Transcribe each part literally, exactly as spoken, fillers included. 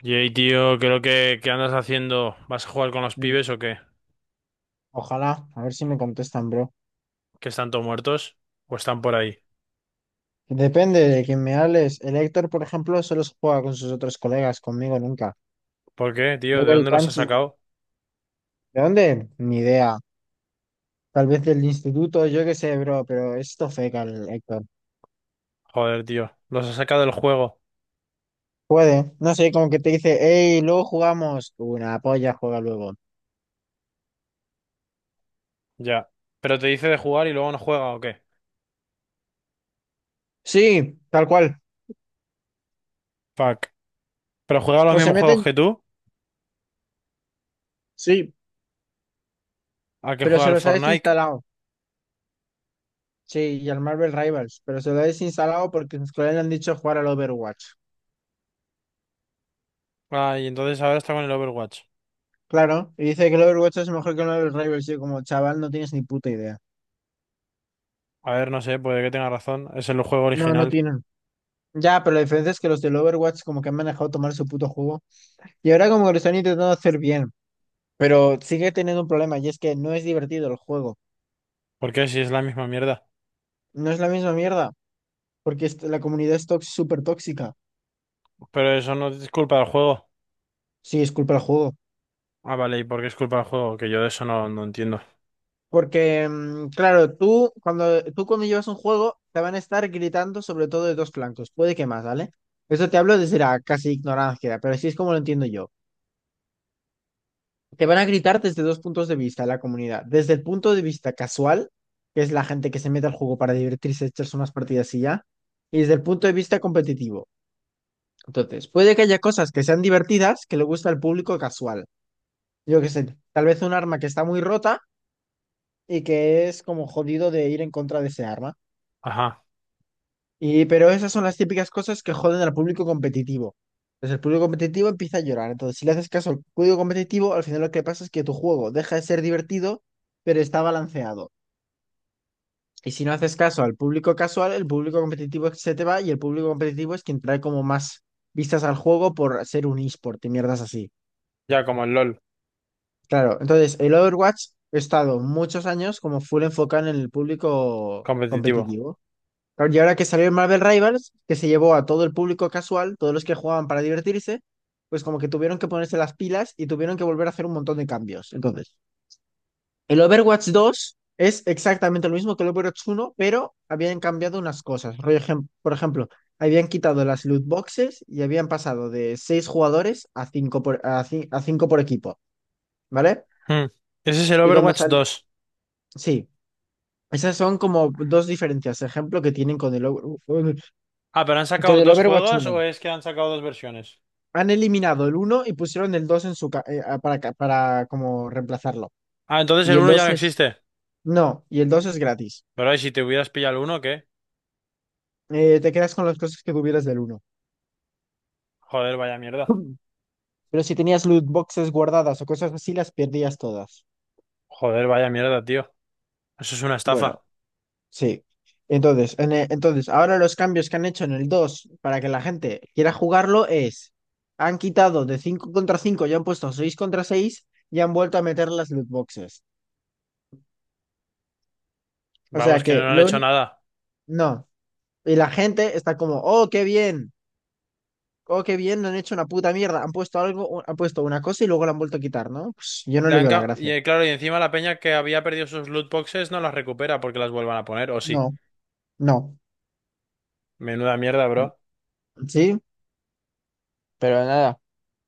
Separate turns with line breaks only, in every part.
Y Yey, tío, creo que ¿qué andas haciendo? ¿Vas a jugar con los
Mm,
pibes o qué?
Ojalá, a ver si me contestan, bro.
¿Que están todos muertos? ¿O están por ahí?
Depende de quién me hables. El Héctor, por ejemplo, solo se juega con sus otros colegas, conmigo nunca.
¿Por qué, tío? ¿De
Luego el
dónde los has
Panchi,
sacado?
¿de dónde? Ni idea. Tal vez del instituto, yo qué sé, bro, pero esto feca el Héctor.
Joder, tío. Los has sacado del juego.
Puede, no sé, como que te dice, hey, luego jugamos. Una polla juega luego.
Ya. ¿Pero te dice de jugar y luego no juega o qué?
Sí, tal cual.
Fuck. ¿Pero juega los
O se
mismos
meten,
juegos que tú?
sí,
¿A que
pero
juega
se
el
los ha
Fortnite?
desinstalado. Sí, y al Marvel Rivals, pero se lo ha desinstalado porque sus colegas le han dicho jugar al Overwatch.
Ah, y entonces ahora está con el Overwatch.
Claro, y dice que el Overwatch es mejor que el Marvel Rivals. Yo como chaval no tienes ni puta idea.
A ver, no sé, puede que tenga razón. Es el juego
No, no
original.
tienen. Ya, pero la diferencia es que los del Overwatch como que han manejado tomar su puto juego. Y ahora como que lo están intentando hacer bien. Pero sigue teniendo un problema y es que no es divertido el juego.
¿Por qué? Si es la misma mierda.
No es la misma mierda. Porque es- la comunidad es tox- súper tóxica.
Pero eso no es culpa del juego.
Sí, es culpa del juego.
Ah, vale, ¿y por qué es culpa del juego? Que yo de eso no, no entiendo.
Porque, mm, claro, tú cuando, tú cuando llevas un juego te van a estar gritando sobre todo de dos flancos. Puede que más, ¿vale? Eso te hablo desde la casi ignorancia, pero así es como lo entiendo yo. te van a gritar desde dos puntos de vista la comunidad. Desde el punto de vista casual, que es la gente que se mete al juego para divertirse, echarse unas partidas y ya, y desde el punto de vista competitivo. Entonces, puede que haya cosas que sean divertidas que le gusta al público casual. Yo qué sé, tal vez un arma que está muy rota y que es como jodido de ir en contra de ese arma.
Ajá.
Y, pero esas son las típicas cosas que joden al público competitivo. Entonces el público competitivo empieza a llorar. Entonces, si le haces caso al público competitivo, al final lo que pasa es que tu juego deja de ser divertido, pero está balanceado. Y si no haces caso al público casual, el público competitivo se te va y el público competitivo es quien trae como más vistas al juego por ser un eSport y mierdas así.
Ya, como el LOL.
Claro, entonces el Overwatch ha estado muchos años como full enfocado en el público
Competitivo.
competitivo. Claro, y ahora que salió el Marvel Rivals, que se llevó a todo el público casual, todos los que jugaban para divertirse, pues como que tuvieron que ponerse las pilas y tuvieron que volver a hacer un montón de cambios. Entonces. El Overwatch dos es exactamente lo mismo que el Overwatch uno, pero habían cambiado unas cosas. Rollo ejem- Por ejemplo, habían quitado las loot boxes y habían pasado de seis jugadores a cinco por, a ci- a cinco por equipo, ¿vale?
Hmm. Ese es el
Y cuando
Overwatch
sal...
dos.
Sí, esas son como dos diferencias, ejemplo, que tienen con el, Over-
Ah, pero ¿han
con
sacado
el
dos
Overwatch
juegos
uno.
o es que han sacado dos versiones?
Han eliminado el uno y pusieron el dos en su ca- eh, a- para, ca- para como reemplazarlo.
Ah, entonces
Y
el
el
uno ya
dos
no
es...
existe.
No, y el dos es gratis.
Pero ¿y si te hubieras pillado el uno, qué?
Eh, te quedas con las cosas que tuvieras del uno.
Joder, vaya mierda.
Pero si tenías loot boxes guardadas o cosas así, las perdías todas.
Joder, vaya mierda, tío. Eso es una estafa.
Bueno, sí. Entonces, en e- entonces, ahora los cambios que han hecho en el dos para que la gente quiera jugarlo es, han quitado de cinco contra cinco y han puesto seis contra seis y han vuelto a meter las loot boxes. O
Vamos,
sea
que
que
no han
lo
hecho
uni-
nada.
no. Y la gente está como, oh, qué bien, oh, qué bien, no han hecho una puta mierda. Han puesto algo, u- han puesto una cosa y luego la han vuelto a quitar, ¿no? Pues yo no
Le
le
han
veo la
ca- Y
gracia.
eh, claro, y encima la peña que había perdido sus loot boxes no las recupera porque las vuelvan a poner, o sí.
No, no.
Menuda mierda, bro.
Sí, pero nada.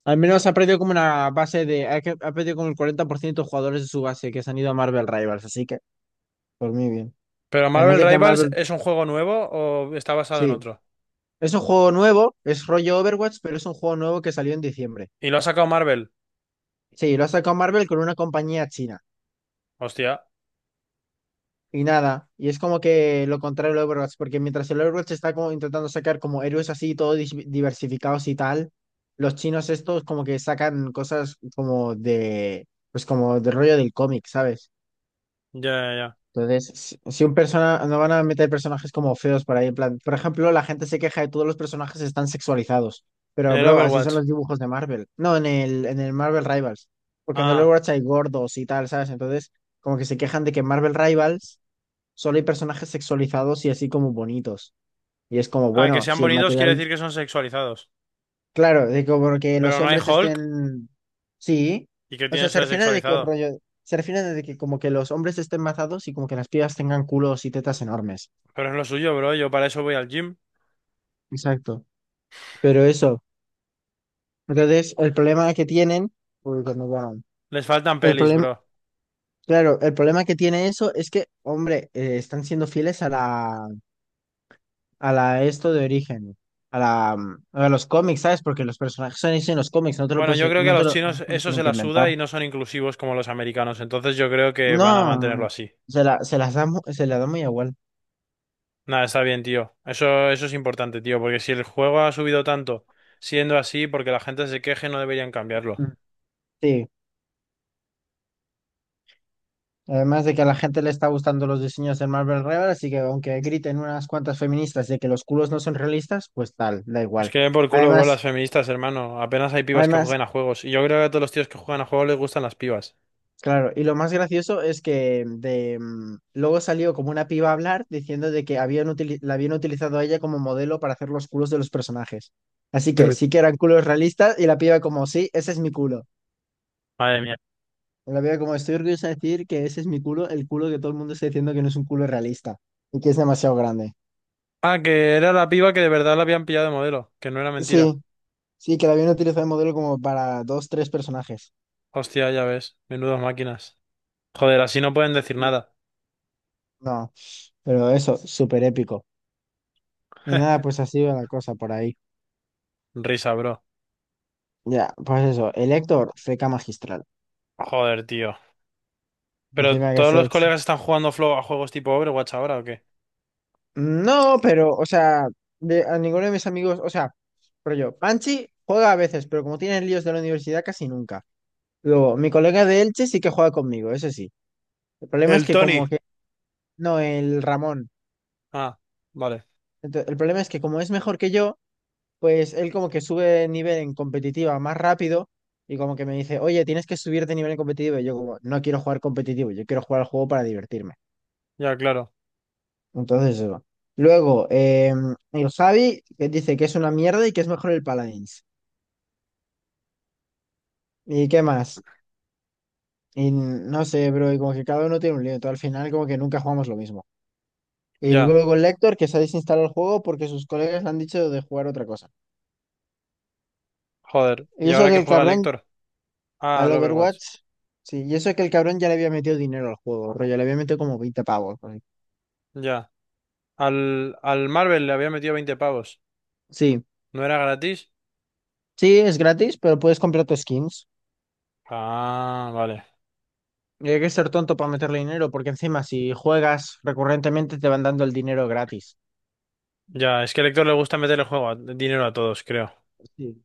Al menos ha perdido como una base de. Ha, que- ha perdido como el cuarenta por ciento de jugadores de su base que se han ido a Marvel Rivals, así que por mí bien.
Pero
Además
Marvel
de que
Rivals
Marvel.
es un juego nuevo o está basado en
Sí.
otro.
Es un juego nuevo, es rollo Overwatch, pero es un juego nuevo que salió en diciembre.
Y lo ha sacado Marvel.
Sí, lo ha sacado Marvel con una compañía china.
Hostia.
Y nada, y es como que lo contrario al Overwatch, porque mientras el Overwatch está como intentando sacar como héroes así, todos dis- diversificados y tal, los chinos estos como que sacan cosas como de, pues como de rollo del cómic, ¿sabes?
Ya, ya, ya.
Entonces, si si un persona, no van a meter personajes como feos por ahí, en plan, por ejemplo, la gente se queja de todos los personajes están sexualizados,
En
pero
el
bro, así son
Overwatch.
los dibujos de Marvel, no, en el, en el Marvel Rivals, porque en The
Ah.
Overwatch hay gordos y tal, ¿sabes? Entonces, como que se quejan de que en Marvel Rivals solo hay personajes sexualizados y así como bonitos, y es como,
Ah, que
bueno,
sean
si el
bonitos quiere
material,
decir que son sexualizados.
claro, de como que
Pero
los
no hay
hombres
Hulk.
estén, sí,
¿Y qué
o
tiene
sea,
eso
se
de
refieren de que
sexualizado?
rollo, se refieren de que como que los hombres estén mazados y como que las pibas tengan culos y tetas enormes.
Pero es lo suyo, bro. Yo para eso voy al gym.
Exacto. Pero eso, entonces el problema que tienen, uy, cuando van,
Les faltan
el
pelis,
problema,
bro.
claro, el problema que tiene eso es que, hombre, eh, están siendo fieles a la, a la esto de origen, a la, mm, a los cómics, ¿sabes? Porque los personajes son hechos en los cómics, no te lo
Bueno,
puedes,
yo
eh,
creo que a
no te
los
lo, no
chinos
te lo
eso se
tienen que
la suda
inventar.
y no son inclusivos como los americanos. Entonces yo creo que van a mantenerlo
No,
así.
se la, se las da, mu- se la da muy igual.
Nada, está bien, tío. Eso, eso es importante, tío. Porque si el juego ha subido tanto siendo así, porque la gente se queje, no deberían cambiarlo.
Mm. Sí. Además de que a la gente le está gustando los diseños de Marvel Rival, así que aunque griten unas cuantas feministas de que los culos no son realistas, pues tal, da
Es
igual.
que por culo, bro, las
Además,
feministas, hermano. Apenas hay pibas que
Además,
jueguen a juegos. Y yo creo que a todos los tíos que juegan a juegos les gustan las pibas.
claro, y lo más gracioso es que de, mm, luego salió como una piba a hablar diciendo de que habían utili- la habían utilizado a ella como modelo para hacer los culos de los personajes. Así que sí que eran culos realistas y la piba como, sí, ese es mi culo.
Madre mía.
Y La piba como, estoy orgullosa de decir que ese es mi culo, el culo que todo el mundo está diciendo que no es un culo realista y que es demasiado grande.
Ah, que era la piba que de verdad la habían pillado de modelo, que no era mentira.
Sí, sí, que la habían utilizado de modelo como para dos, tres personajes.
Hostia, ya ves, menudas máquinas. Joder, así no pueden decir
Sí.
nada.
No, pero eso, súper épico. Y nada, pues así va la cosa por ahí.
Risa, bro.
Ya, pues eso, el Héctor, feca magistral.
Joder, tío. ¿Pero
Encima que
todos los
ese.
colegas están jugando flow a juegos tipo Overwatch ahora o qué?
No, pero, o sea, de- a ninguno de mis amigos, o sea, rollo, Panchi juega a veces, pero como tiene líos de la universidad, casi nunca. Luego, mi colega de Elche sí que juega conmigo, eso sí. El problema es
El
que
Tony.
como que... No, el Ramón.
Ah, vale.
Ento- el problema es que como es mejor que yo, pues él como que sube de nivel en competitiva más rápido y como que me dice, oye, tienes que subir de nivel en competitivo. Y yo como, no quiero jugar competitivo, yo quiero jugar al juego para divertirme.
Ya, claro.
Entonces eso. Luego, eh, el Javi que dice que es una mierda y que es mejor el Paladins. ¿Y qué más? Y no sé, bro, y como que cada uno tiene un lío, todo al final como que nunca jugamos lo mismo. Y
Ya.
luego el Lector que se ha desinstalado el juego porque sus colegas le han dicho de jugar otra cosa.
Joder.
Y
¿Y
eso
ahora
que
qué
el
juega el
cabrón
Héctor? Ah,
al
al Overwatch.
Overwatch, sí, y eso que el cabrón ya le había metido dinero al juego, rollo, le había metido como veinte pavos. por ahí.
Ya. Al, al Marvel le había metido veinte pavos.
Sí,
¿No era gratis?
sí, es gratis, pero puedes comprarte skins.
Ah, vale.
Y hay que ser tonto para meterle dinero, porque encima si juegas recurrentemente te van dando el dinero gratis.
Ya, es que al Héctor le gusta meterle juego a- dinero a todos, creo.
Sí.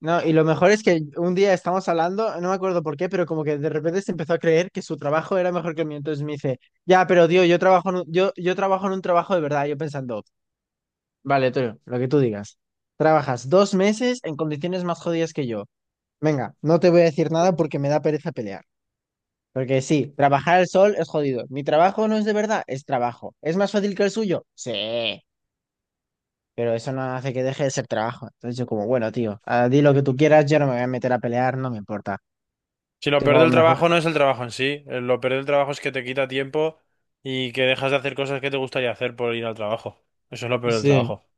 No, y lo mejor es que un día estamos hablando, no me acuerdo por qué, pero como que de repente se empezó a creer que su trabajo era mejor que el mío. Entonces me dice, ya, pero tío, yo trabajo en un, yo, yo trabajo en un trabajo de verdad. Yo pensando, vale, tío, lo que tú digas. Trabajas dos meses en condiciones más jodidas que yo. Venga, no te voy a decir nada porque me da pereza pelear. Porque sí, trabajar al sol es jodido. Mi trabajo no es de verdad, es trabajo. ¿Es más fácil que el suyo? Sí. pero eso no hace que deje de ser trabajo. Entonces yo como, bueno, tío, ah, di lo que tú quieras, yo no me voy a meter a pelear, no me importa.
Si lo peor
Tengo
del
mejor.
trabajo no es el trabajo en sí, eh, lo peor del trabajo es que te quita tiempo y que dejas de hacer cosas que te gustaría hacer por ir al trabajo. Eso es lo peor del
Sí,
trabajo.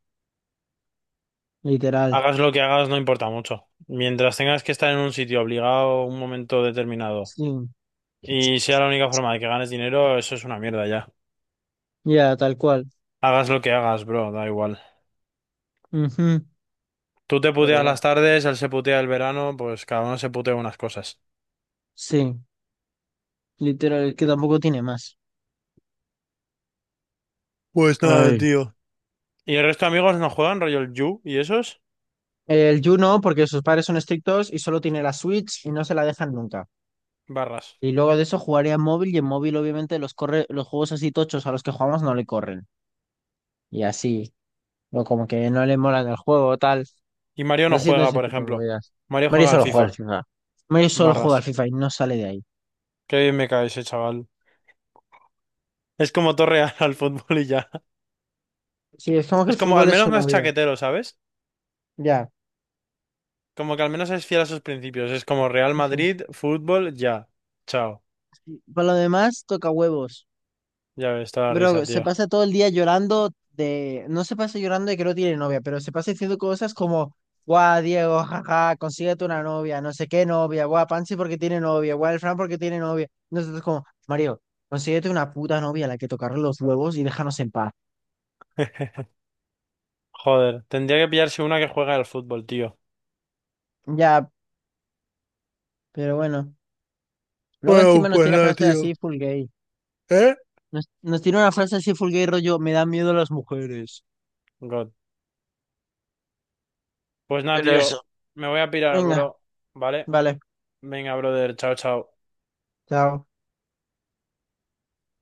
literal.
Hagas lo que hagas, no importa mucho. Mientras tengas que estar en un sitio obligado un momento determinado
Sí.
y sea la única forma de que ganes dinero, eso es una mierda ya.
Ya, tal cual.
Hagas lo que hagas, bro, da igual.
Ujú.
Tú te
Pero
puteas las
bueno,
tardes, él se putea el verano, pues cada uno se putea unas cosas.
sí, literal, es que tampoco tiene más.
Pues nada,
Ay.
tío. ¿Y el resto de amigos no juegan, rollo el Yu y esos?
El Yu no, porque sus padres son estrictos y solo tiene la Switch y no se la dejan nunca.
Barras.
Y luego de eso jugaría en móvil y en móvil obviamente los corre, los juegos así tochos a los que jugamos no le corren. Y así, o como que no le molan el juego o tal.
Y Mario no
haciendo
juega,
ese
por
tipo de
ejemplo.
movidas.
Mario
Mario
juega al
solo juega al
FIFA.
FIFA. Mario solo juega al
Barras.
FIFA y no sale de ahí.
Qué bien me cae ese chaval. Es como Torreal al fútbol y ya.
Sí, es como que el
Es como, al
fútbol es
menos
su
no es
novia.
chaquetero, ¿sabes?
Ya.
Como que al menos es fiel a sus principios. Es como Real
Sí.
Madrid, fútbol, ya. Chao.
Y Para lo demás, toca huevos.
Ya ves, toda la risa,
Pero se
tío.
pasa todo el día llorando de... No se pasa llorando de que no tiene novia, pero se pasa diciendo cosas como, guau, Diego, jaja, consíguete una novia, no sé qué novia, guau, Pansy porque tiene novia, guau, el Fran porque tiene novia. Nosotros como, Mario, consíguete una puta novia a la que tocarle los huevos y déjanos en paz.
Joder, tendría que pillarse una que juega al fútbol, tío.
Ya, pero bueno. Luego
Bueno,
encima nos
pues
tira
nada,
frases
tío.
así full gay.
¿Eh?
Nos, nos tiene una frase así fulgay rollo, me da miedo las mujeres.
God. Pues nada,
Era
tío.
eso.
Me voy a pirar,
Venga,
bro. ¿Vale?
vale.
Venga, brother. Chao, chao.
Chao.